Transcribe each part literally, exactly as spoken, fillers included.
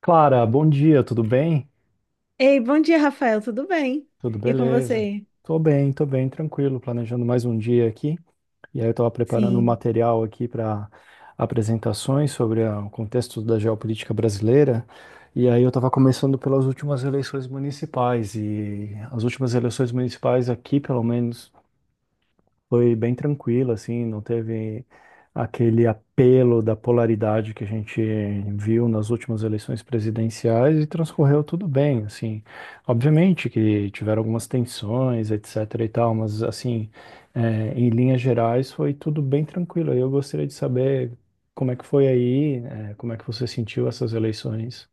Clara, bom dia, tudo bem? Ei, bom dia, Rafael, tudo bem? Tudo E com beleza? você? Tô bem, tô bem, tranquilo, planejando mais um dia aqui. E aí eu estava preparando um Sim. material aqui para apresentações sobre a- o contexto da geopolítica brasileira. E aí eu estava começando pelas últimas eleições municipais e as últimas eleições municipais aqui, pelo menos foi bem tranquilo, assim, não teve aquele apelo da polaridade que a gente viu nas últimas eleições presidenciais e transcorreu tudo bem, assim. Obviamente que tiveram algumas tensões, etc e tal, mas, assim, é, em linhas gerais foi tudo bem tranquilo. Eu gostaria de saber como é que foi aí, é, como é que você sentiu essas eleições.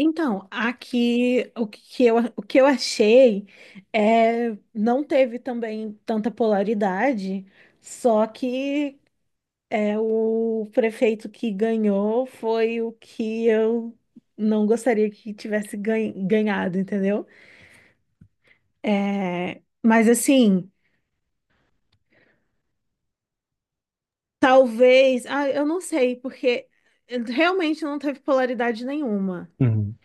Então, aqui o que eu, o que eu achei é não teve também tanta polaridade, só que é, o prefeito que ganhou foi o que eu não gostaria que tivesse ganha- ganhado, entendeu? É, mas assim, talvez, ah, eu não sei, porque realmente não teve polaridade nenhuma. Uhum.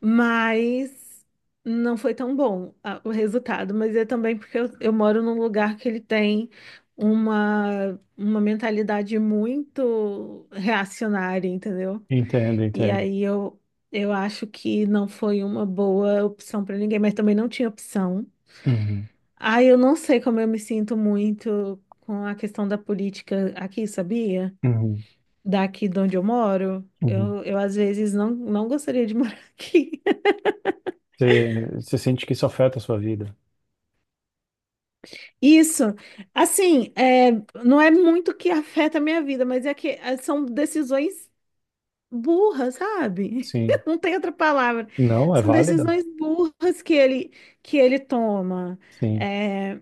Mas não foi tão bom a- o resultado. Mas é também porque eu, eu moro num lugar que ele tem uma, uma mentalidade muito reacionária, entendeu? Entendo, E entendo. aí eu, eu acho que não foi uma boa opção para ninguém, mas também não tinha opção. Uhum, Ah, eu não sei como eu me sinto muito com a questão da política aqui, sabia? uhum, Daqui de onde eu moro. uhum. Eu, eu às vezes não, não gostaria de morar aqui. Você, você sente que isso afeta a sua vida? Isso, assim, é, não é muito que afeta a minha vida, mas é que é, são decisões burras, sabe? Sim. Não tem outra palavra. Não, é São válida. decisões burras que ele que ele toma. Sim. É,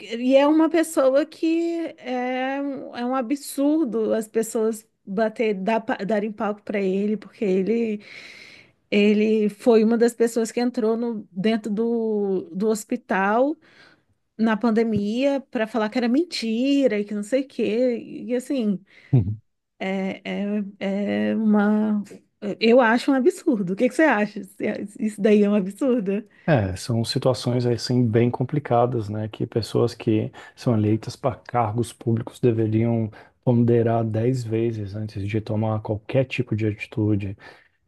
e é uma pessoa que é, um é um absurdo as pessoas bater, dar pa- darem palco para ele, porque ele ele foi uma das pessoas que entrou no, dentro do, do hospital na pandemia para falar que era mentira e que não sei o quê. E assim, Uhum. é, é, é uma. Eu acho um absurdo. O que que você acha? Você- Isso daí é um absurdo? É, são situações assim bem complicadas, né? Que pessoas que são eleitas para cargos públicos deveriam ponderar dez vezes antes de tomar qualquer tipo de atitude.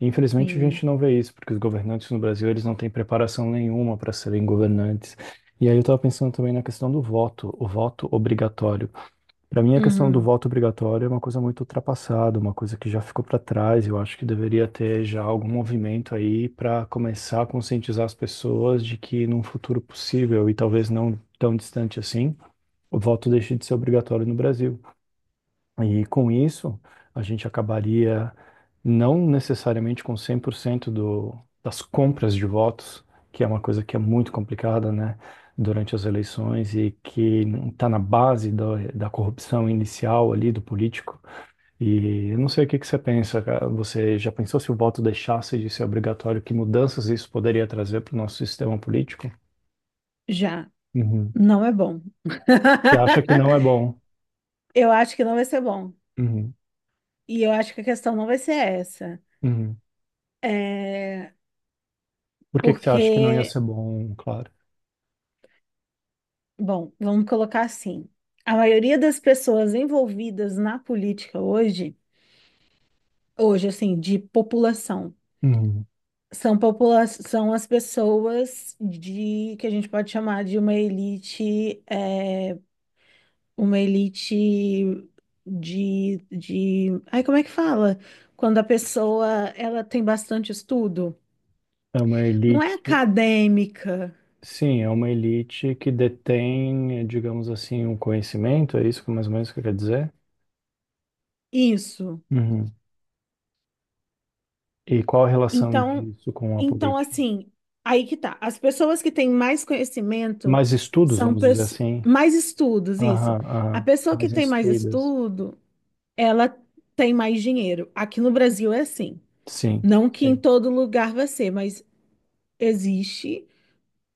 Infelizmente, a Sim. gente não vê isso, porque os governantes no Brasil eles não têm preparação nenhuma para serem governantes. E aí eu estava pensando também na questão do voto, o voto obrigatório. Para mim, a questão do Uhum. voto obrigatório é uma coisa muito ultrapassada, uma coisa que já ficou para trás. Eu acho que deveria ter já algum movimento aí para começar a conscientizar as pessoas de que num futuro possível, e talvez não tão distante assim, o voto deixe de ser obrigatório no Brasil. E com isso, a gente acabaria não necessariamente com cem por cento do, das compras de votos, que é uma coisa que é muito complicada, né, durante as eleições e que está na base da, da corrupção inicial ali do político. E eu não sei o que que você pensa, cara. Você já pensou se o voto deixasse de ser obrigatório, que mudanças isso poderia trazer para o nosso sistema político? Já. Uhum. Não é bom. E acha que não é bom. Eu acho que não vai ser bom. Uhum. E eu acho que a questão não vai ser essa. Uhum. É Por que que você acha que não ia Porque, ser bom, claro? bom, vamos colocar assim, a maioria das pessoas envolvidas na política hoje, hoje assim, de população, São popula são as pessoas de que a gente pode chamar de uma elite, é, uma elite de, de, ai, como é que fala? Quando a pessoa ela tem bastante estudo, É uma não elite, é acadêmica, sim, é uma elite que detém, eh, digamos assim, um conhecimento, é isso que mais ou menos que quer dizer? isso. Uhum. E qual a relação Então, disso com a então política? assim, aí que tá. As pessoas que têm mais conhecimento Mais estudos, são vamos dizer pessoas assim. mais estudos, isso. Aham, A aham. pessoa que Mais tem mais instruídas. estudo ela tem mais dinheiro. Aqui no Brasil é assim. Sim, Não que em sim, todo lugar vai ser, mas existe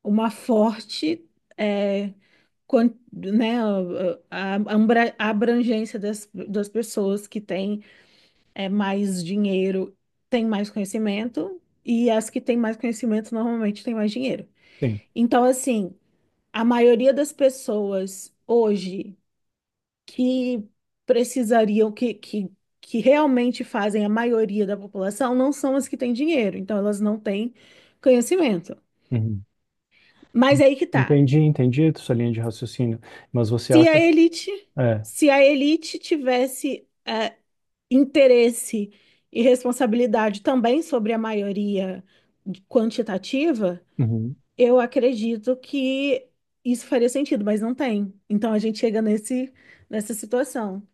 uma forte, é, quan- né, a, a- ambra- a abrangência das, das pessoas que têm é, mais dinheiro, têm mais conhecimento, e as que têm mais conhecimento normalmente têm mais dinheiro. sim. Então, assim, a maioria das pessoas hoje que precisariam, que, que, que realmente fazem a maioria da população, não são as que têm dinheiro, então elas não têm conhecimento. Uhum. Mas aí que tá. Entendi, entendi a sua linha de raciocínio, mas você Se a acha. elite, É. se a elite tivesse eh, interesse e responsabilidade também sobre a maioria quantitativa, Uhum. eu acredito que isso faria sentido, mas não tem. Então a gente chega nesse, nessa situação.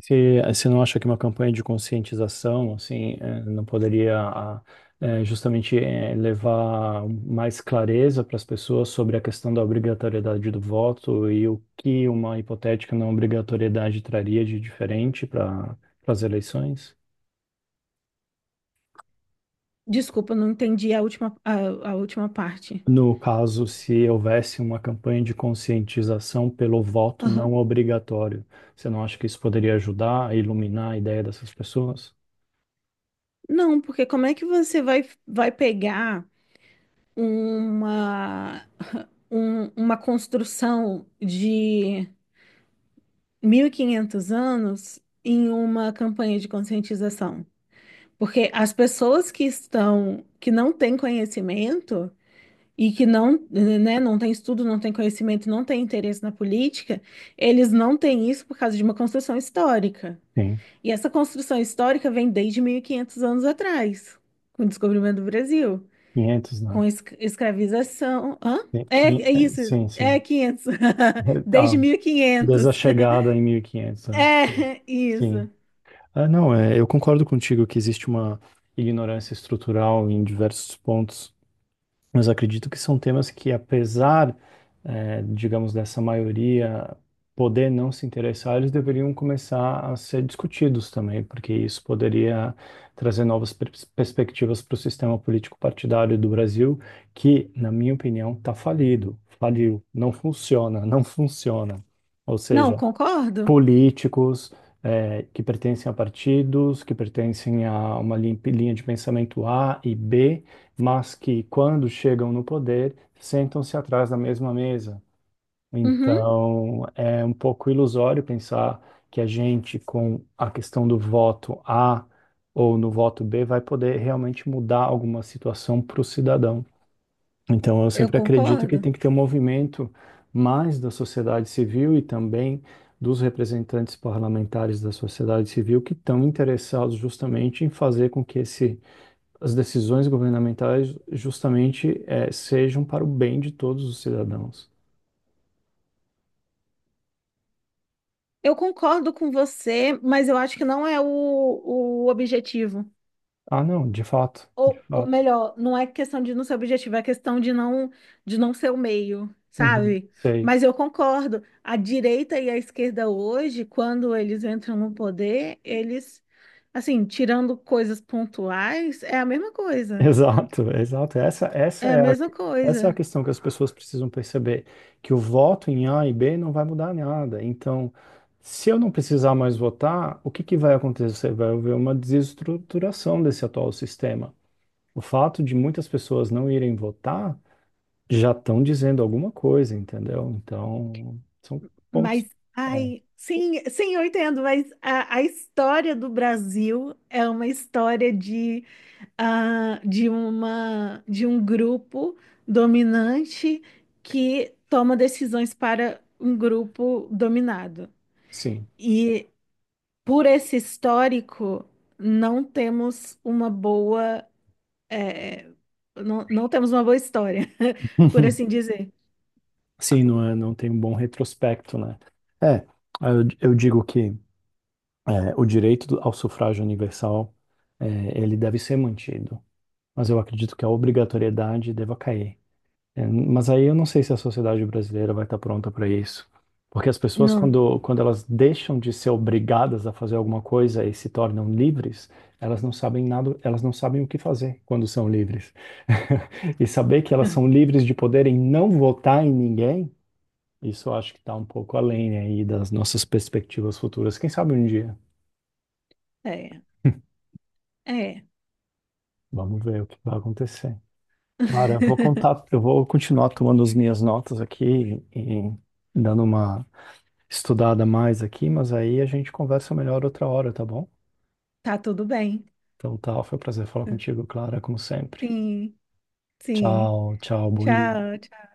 Você, você não acha que uma campanha de conscientização, assim, eh, não poderia ah, eh, justamente eh, levar mais clareza para as pessoas sobre a questão da obrigatoriedade do voto e o que uma hipotética não obrigatoriedade traria de diferente para as eleições? Desculpa, eu não entendi a última, a a última parte. No caso, se houvesse uma campanha de conscientização pelo voto Aham. não obrigatório, você não acha que isso poderia ajudar a iluminar a ideia dessas pessoas? Não, porque como é que você vai, vai pegar uma, um- uma construção de mil e quinhentos anos em uma campanha de conscientização? Porque as pessoas que estão, que não têm conhecimento e que não, né, não têm estudo, não têm conhecimento, não têm interesse na política, eles não têm isso por causa de uma construção histórica. Sim, E essa construção histórica vem desde mil e quinhentos anos atrás, com o descobrimento do Brasil. quinhentos, né? Com es- escravização. Hã? Tem É, que- é isso. Sim, É sim. quinhentos. Desde Ah, mil e desde quinhentos a chegada em mil e quinhentos, né? É Sim. isso. Ah, não, é, eu concordo contigo que existe uma ignorância estrutural em diversos pontos, mas acredito que são temas que, apesar, eh, digamos, dessa maioria poder não se interessar, eles deveriam começar a ser discutidos também, porque isso poderia trazer novas pers- perspectivas para o sistema político partidário do Brasil, que, na minha opinião, está falido, faliu, não funciona, não funciona. Ou Não, seja, concordo. políticos eh, que pertencem a partidos, que pertencem a uma lin- linha de pensamento A e B, mas que, quando chegam no poder, sentam-se atrás da mesma mesa. Uhum, Então, é um pouco ilusório pensar que a gente, com a questão do voto A ou no voto B, vai poder realmente mudar alguma situação para o cidadão. Então, eu eu sempre acredito que concordo. tem que ter um movimento mais da sociedade civil e também dos representantes parlamentares da sociedade civil que estão interessados justamente em fazer com que esse, as decisões governamentais justamente eh, sejam para o bem de todos os cidadãos. Eu concordo com você, mas eu acho que não é o, o objetivo. Ah, não, de fato, de Ou, ou fato. melhor, não é questão de não ser objetivo, é questão de não, de não ser o meio, Uhum, sabe? sei. Mas eu concordo, a direita e a esquerda hoje, quando eles entram no poder, eles, assim, tirando coisas pontuais, é a mesma coisa. Exato, exato. Essa, essa É a é a, mesma essa é a coisa. questão que as pessoas precisam perceber, que o voto em A e B não vai mudar nada. Então, se eu não precisar mais votar, o que que vai acontecer? Vai haver uma desestruturação desse atual sistema. O fato de muitas pessoas não irem votar já estão dizendo alguma coisa, entendeu? Então, são pontos. Mas, É, ai, sim, sim, eu entendo, mas a, a história do Brasil é uma história de ah, de uma de um grupo dominante que toma decisões para um grupo dominado. sim. E por esse histórico, não temos uma boa eh, não, não temos uma boa história, por assim dizer. Sim, não é, não tem um bom retrospecto, né? É, eu, eu digo que É, o direito do- ao sufrágio universal, é, ele deve ser mantido, mas eu acredito que a obrigatoriedade deva cair. É, mas aí eu não sei se a sociedade brasileira vai estar pronta para isso, porque as pessoas Não, quando, quando elas deixam de ser obrigadas a fazer alguma coisa e se tornam livres, elas não sabem nada, elas não sabem o que fazer quando são livres. E saber que elas são livres de poderem não votar em ninguém, isso eu acho que está um pouco além aí das nossas perspectivas futuras. Quem sabe um dia. é, é. Vamos ver o que vai acontecer. Cara, eu vou contar, eu vou continuar tomando as minhas notas aqui e dando uma estudada mais aqui, mas aí a gente conversa melhor outra hora, tá bom? Tá tudo bem. Então tá, foi um prazer falar contigo, Clara, como sempre. Sim, sim. Tchau, tchau, bom dia. Tchau.